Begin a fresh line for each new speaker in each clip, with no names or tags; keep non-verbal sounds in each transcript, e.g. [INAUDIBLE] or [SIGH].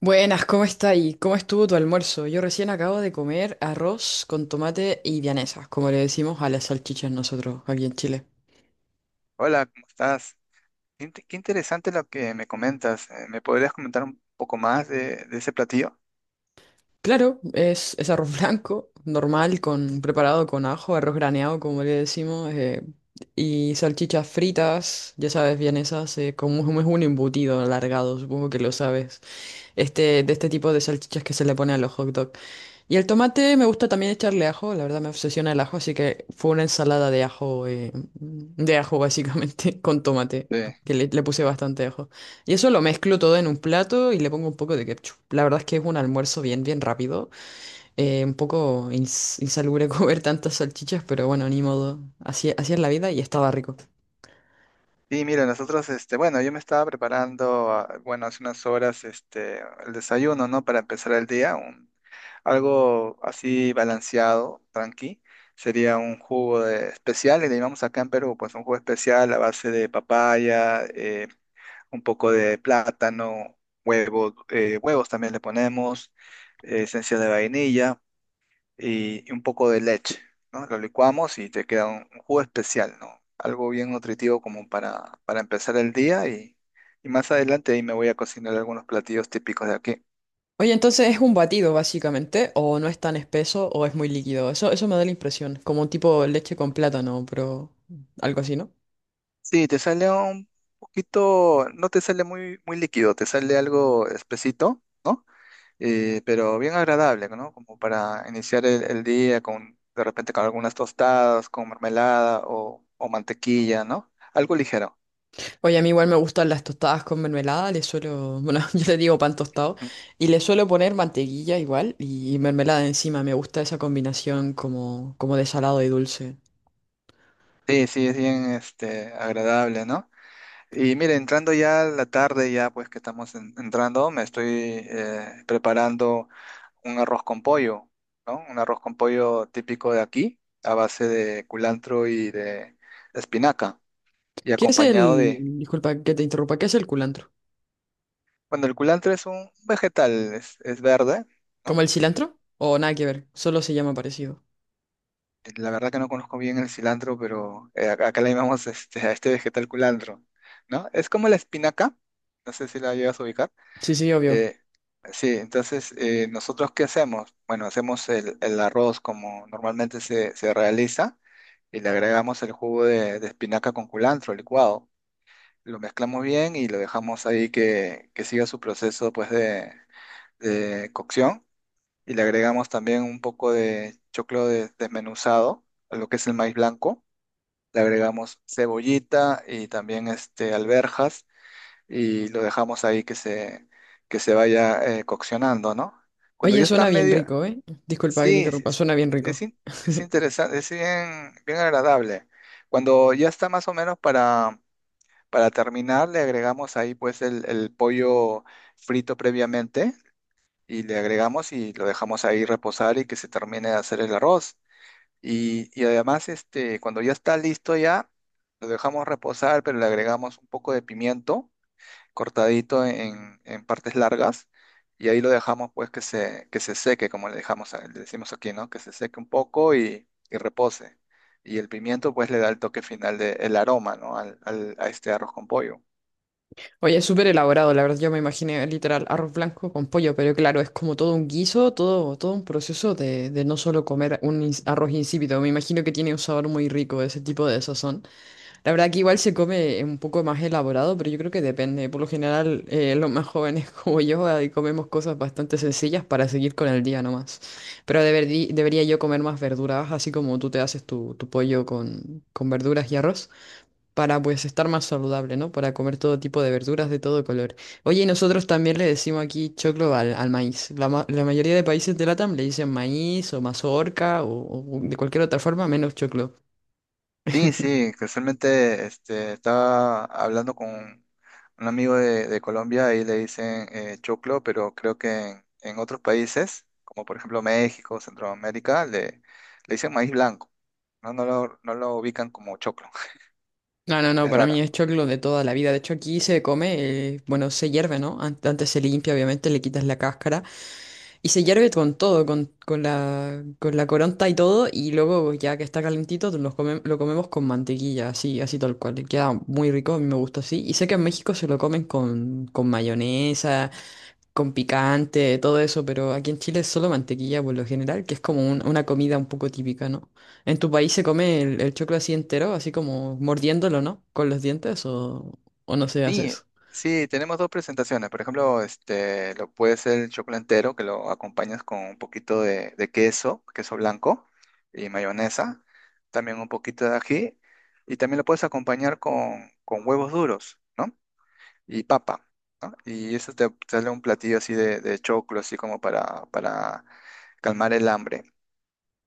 Buenas, ¿cómo está ahí? ¿Cómo estuvo tu almuerzo? Yo recién acabo de comer arroz con tomate y vianesas, como le decimos a las salchichas nosotros aquí en Chile.
Hola, ¿cómo estás? Qué, qué interesante lo que me comentas. ¿Me podrías comentar un poco más de ese platillo?
Claro, es arroz blanco, normal, con, preparado con ajo, arroz graneado, como le decimos, y salchichas fritas, ya sabes, vienesas, como es un embutido alargado, supongo que lo sabes, este, de este tipo de salchichas que se le pone a los hot dogs. Y el tomate me gusta también echarle ajo, la verdad me obsesiona el ajo, así que fue una ensalada de ajo básicamente, [LAUGHS] con tomate,
Sí.
le puse
Ah,
bastante ajo. Y eso lo mezclo todo en un plato y le pongo un poco de ketchup. La verdad es que es un almuerzo bien rápido, un poco insalubre [LAUGHS] comer tantas salchichas, pero bueno, ni modo, así es la vida y estaba rico.
sí, mira, nosotros, este, bueno, yo me estaba preparando, ah, bueno, hace unas horas, este, el desayuno, ¿no? Para empezar el día, un, algo así balanceado, tranqui. Sería un especial, y le llamamos acá en Perú, pues un jugo especial a base de papaya, un poco de plátano, huevos, huevos también le ponemos, esencia de vainilla y un poco de leche, ¿no? Lo licuamos y te queda un jugo especial, ¿no? Algo bien nutritivo como para empezar el día y más adelante ahí me voy a cocinar algunos platillos típicos de aquí.
Oye, entonces es un batido básicamente, o no es tan espeso o es muy líquido, eso me da la impresión, como un tipo leche con plátano, pero algo así, ¿no?
Sí, te sale un poquito, no te sale muy líquido, te sale algo espesito, ¿no? Pero bien agradable, ¿no? Como para iniciar el día con, de repente, con algunas tostadas, con mermelada o mantequilla, ¿no? Algo ligero.
Oye, a mí igual me gustan las tostadas con mermelada, le suelo, bueno, [LAUGHS] yo le digo pan tostado,
Mm.
y le suelo poner mantequilla igual y mermelada encima, me gusta esa combinación como, como de salado y dulce.
Sí, sí, es bien este, agradable, ¿no? Y mire, entrando ya a la tarde, ya pues que estamos entrando, me estoy preparando un arroz con pollo, ¿no? Un arroz con pollo típico de aquí, a base de culantro y de espinaca, y
¿Qué es
acompañado
el,
de,
disculpa que te interrumpa, ¿qué es el culantro?
bueno, el culantro es un vegetal, es verde,
¿Como
¿no?
el cilantro? O nada que ver, solo se llama parecido.
La verdad que no conozco bien el cilantro, pero acá le llamamos [LAUGHS] este, a este vegetal culantro, ¿no? Es como la espinaca, no sé si la llevas a ubicar.
Sí, sí, obvio.
Eh, sí, entonces, ¿nosotros qué hacemos? Bueno, hacemos el arroz como normalmente se realiza y le agregamos el jugo de espinaca con culantro licuado. Lo mezclamos bien y lo dejamos ahí que siga su proceso pues, de cocción y le agregamos también un poco de desmenuzado, lo que es el maíz blanco. Le agregamos cebollita y también este, alverjas y lo dejamos ahí que se vaya coccionando, ¿no? Cuando
Oye,
ya está
suena bien
medio...
rico, ¿eh? Disculpa que te
Sí, sí,
interrumpa,
sí,
suena bien rico.
es interesante, es bien, bien agradable. Cuando ya está más o menos para terminar, le agregamos ahí pues el pollo frito previamente y le agregamos y lo dejamos ahí reposar y que se termine de hacer el arroz. Y además, este, cuando ya está listo ya, lo dejamos reposar, pero le agregamos un poco de pimiento cortadito en partes largas y ahí lo dejamos pues que se seque, como le dejamos, le decimos aquí, ¿no? Que se seque un poco y repose. Y el pimiento pues le da el toque final de, el aroma, ¿no? A este arroz con pollo.
Oye, es súper elaborado, la verdad. Yo me imaginé literal arroz blanco con pollo, pero claro, es como todo un guiso, todo un proceso de no solo comer un arroz insípido. Me imagino que tiene un sabor muy rico ese tipo de sazón. La verdad que igual se come un poco más elaborado, pero yo creo que depende. Por lo general, los más jóvenes [LAUGHS] como yo ahí comemos cosas bastante sencillas para seguir con el día nomás. Pero debería yo comer más verduras, así como tú te haces tu pollo con verduras y arroz para pues estar más saludable, ¿no? Para comer todo tipo de verduras de todo color. Oye, y nosotros también le decimos aquí choclo al maíz. La mayoría de países de LATAM le dicen maíz o mazorca o de cualquier otra forma menos choclo.
Sí, sí, casualmente este, estaba hablando con un amigo de Colombia y le dicen choclo, pero creo que en otros países, como por ejemplo México, Centroamérica, le dicen maíz blanco. No lo ubican como choclo. [LAUGHS]
No, no, no,
Es
para mí
raro.
es choclo de toda la vida. De hecho, aquí se come, bueno, se hierve, ¿no? Antes se limpia, obviamente, le quitas la cáscara. Y se hierve con todo, con con la coronta y todo, y luego ya que está calentito los lo comemos con mantequilla, así tal cual. Y queda muy rico, a mí me gusta así. Y sé que en México se lo comen con mayonesa, con picante, todo eso, pero aquí en Chile es solo mantequilla por lo general, que es como una comida un poco típica, ¿no? ¿En tu país se come el choclo así entero, así como mordiéndolo, ¿no? Con los dientes o no se hace
Sí,
eso?
sí, tenemos dos presentaciones. Por ejemplo, este, lo puede ser el choclo entero, que lo acompañas con un poquito de queso, queso blanco y mayonesa, también un poquito de ají, y también lo puedes acompañar con huevos duros, ¿no? Y papa, ¿no? Y eso te sale un platillo así de choclo, así como para calmar el hambre.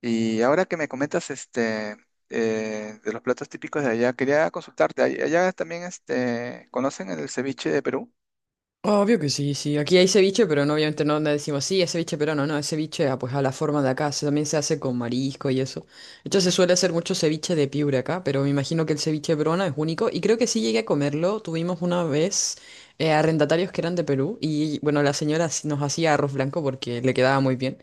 Y ahora que me comentas este, de los platos típicos de allá, quería consultarte. ¿Allá también este, conocen el ceviche de Perú?
Obvio que sí, sí. Aquí hay ceviche, pero no, obviamente no le decimos, sí, es ceviche pero no, no, es ceviche ah, pues a la forma de acá. También se hace con marisco y eso. De hecho, se suele hacer mucho ceviche de Piura acá, pero me imagino que el ceviche peruano es único. Y creo que sí llegué a comerlo. Tuvimos una vez arrendatarios que eran de Perú y, bueno, la señora sí nos hacía arroz blanco porque le quedaba muy bien.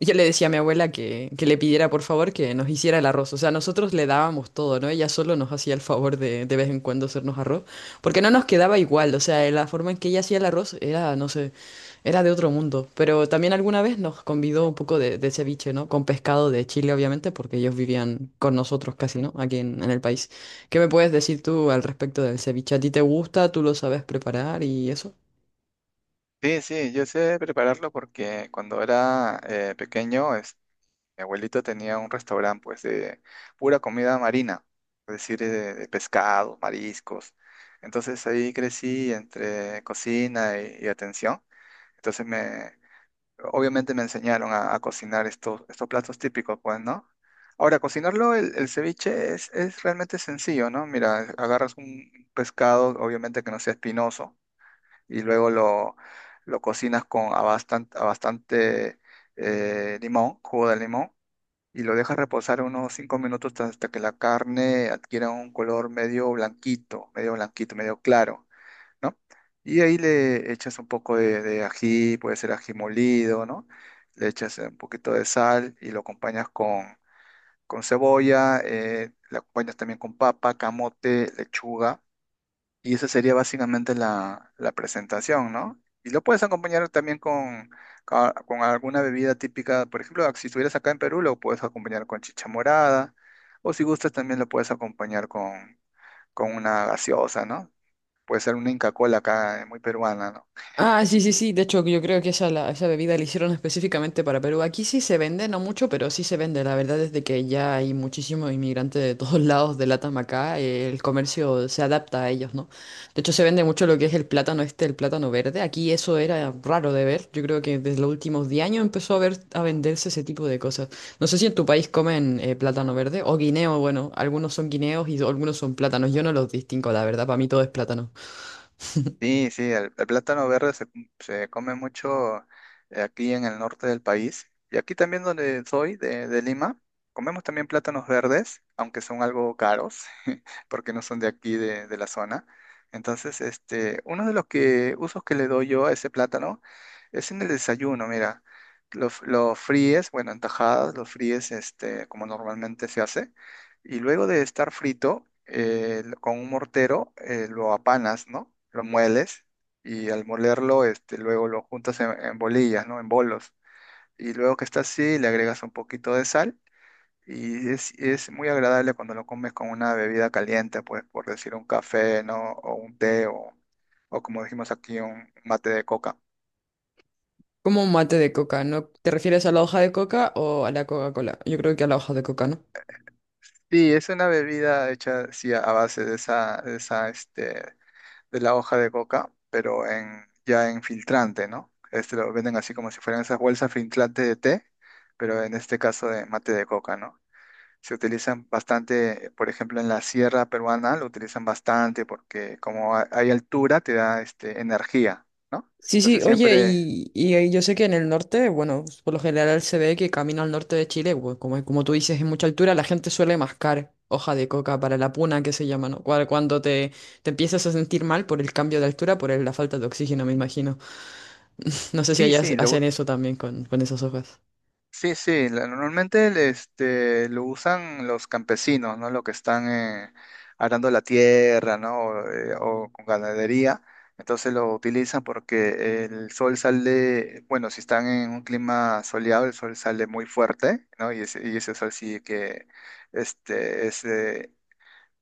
Yo le decía a mi abuela que le pidiera por favor que nos hiciera el arroz. O sea, nosotros le dábamos todo, ¿no? Ella solo nos hacía el favor de vez en cuando hacernos arroz, porque no nos quedaba igual. O sea, la forma en que ella hacía el arroz era, no sé, era de otro mundo. Pero también alguna vez nos convidó un poco de ceviche, ¿no? Con pescado de Chile, obviamente, porque ellos vivían con nosotros casi, ¿no? Aquí en el país. ¿Qué me puedes decir tú al respecto del ceviche? ¿A ti te gusta? ¿Tú lo sabes preparar y eso?
Sí, sí, yo sé prepararlo porque cuando era pequeño, mi abuelito tenía un restaurante pues de pura comida marina, es decir, de, pescado, mariscos. Entonces ahí crecí entre cocina y atención. Entonces me, obviamente me enseñaron a cocinar estos platos típicos, pues, ¿no? Ahora, cocinarlo, el ceviche es realmente sencillo, ¿no? Mira, agarras un pescado, obviamente que no sea espinoso, y luego lo cocinas con a bastante limón, jugo de limón, y lo dejas reposar unos 5 minutos hasta que la carne adquiera un color medio blanquito, medio blanquito, medio claro. ¿no? Y ahí le echas un poco de ají, puede ser ají molido, ¿no? Le echas un poquito de sal y lo acompañas con cebolla, lo acompañas también con papa, camote, lechuga, y esa sería básicamente la presentación, ¿no? Y lo puedes acompañar también con, con alguna bebida típica, por ejemplo, si estuvieras acá en Perú, lo puedes acompañar con chicha morada, o si gustas también lo puedes acompañar con una gaseosa, ¿no? Puede ser una Inca Kola acá, muy peruana, ¿no?
Ah, sí, sí, sí. De hecho, yo creo que esa bebida la hicieron específicamente para Perú. Aquí sí se vende, no mucho, pero sí se vende. La verdad es de que ya hay muchísimos inmigrantes de todos [LAUGHS] lados de Latam acá. El comercio se adapta a ellos, ¿no? De hecho, se vende mucho lo que es el plátano este, el plátano verde. Aquí eso era raro de ver. Yo creo que desde los últimos 10 años empezó a ver, a venderse ese tipo de cosas. No sé si en tu país comen plátano verde o guineo. Bueno, algunos son guineos y algunos son plátanos. Yo no los distingo, la verdad. Para mí todo es plátano.
Sí, sí, el plátano verde se come mucho aquí en el norte del país. Y aquí también donde soy, de Lima, comemos también plátanos verdes, aunque son algo caros. Porque no son de aquí, de la zona. Entonces, este, uno de los usos que le doy yo a ese plátano es en el desayuno, mira. Lo fríes, bueno, en tajadas, lo fríes este, como normalmente se hace. Y luego de estar frito, con un mortero, lo apanas, ¿no? Lo mueles y al molerlo, este, luego lo juntas en bolillas, ¿no? En bolos. Y luego que está así, le agregas un poquito de sal y es muy agradable cuando lo comes con una bebida caliente, pues por decir un café, ¿no? O un té, o como dijimos aquí, un mate de coca.
Como un mate de coca, ¿no? ¿Te refieres a la hoja de coca o a la Coca-Cola? Yo creo que a la hoja de coca, ¿no?
Sí, es una bebida hecha sí, a base de esa, este, de la hoja de coca, pero en, ya en filtrante, ¿no? Este lo venden así como si fueran esas bolsas filtrantes de té, pero en este caso de mate de coca, ¿no? Se utilizan bastante, por ejemplo, en la sierra peruana lo utilizan bastante porque como hay altura te da este, energía, ¿no?
Sí, sí,
Entonces
oye,
siempre,
y ahí yo sé que en el norte, bueno, por lo general se ve que camino al norte de Chile, bueno, como, como tú dices, en mucha altura, la gente suele mascar hoja de coca para la puna, que se llama, ¿no? Cuando te empiezas a sentir mal por el cambio de altura, por la falta de oxígeno, me imagino. [LAUGHS] No sé si
sí,
allá
sí,
hacen
lo,
eso también con esas hojas.
sí, sí, normalmente el, este, lo usan los campesinos, ¿no? Los que están arando la tierra, ¿no? O con ganadería. Entonces lo utilizan porque el sol sale, bueno, si están en un clima soleado, el sol sale muy fuerte, ¿no? Y ese sol sí que este,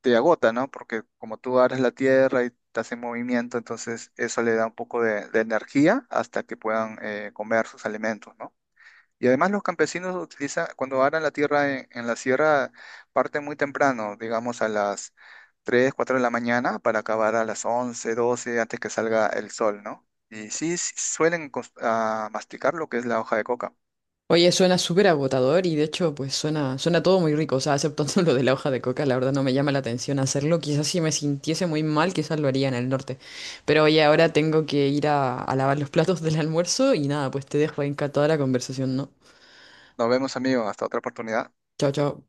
te agota, ¿no? Porque como tú aras la tierra y estás en movimiento, entonces eso le da un poco de energía hasta que puedan comer sus alimentos, ¿no? Y además los campesinos utilizan, cuando aran la tierra en la sierra, parten muy temprano, digamos a las 3, 4 de la mañana para acabar a las 11, 12, antes que salga el sol, ¿no? Y sí, sí suelen masticar lo que es la hoja de coca.
Oye, suena súper agotador y de hecho, pues suena, suena todo muy rico, o sea, exceptuando [LAUGHS] lo de la hoja de coca, la verdad no me llama la atención hacerlo. Quizás si me sintiese muy mal, quizás lo haría en el norte. Pero oye, ahora tengo que ir a lavar los platos del almuerzo y nada, pues te dejo ahí encantada la conversación, ¿no?
Nos vemos, amigos, hasta otra oportunidad.
Chao, chao.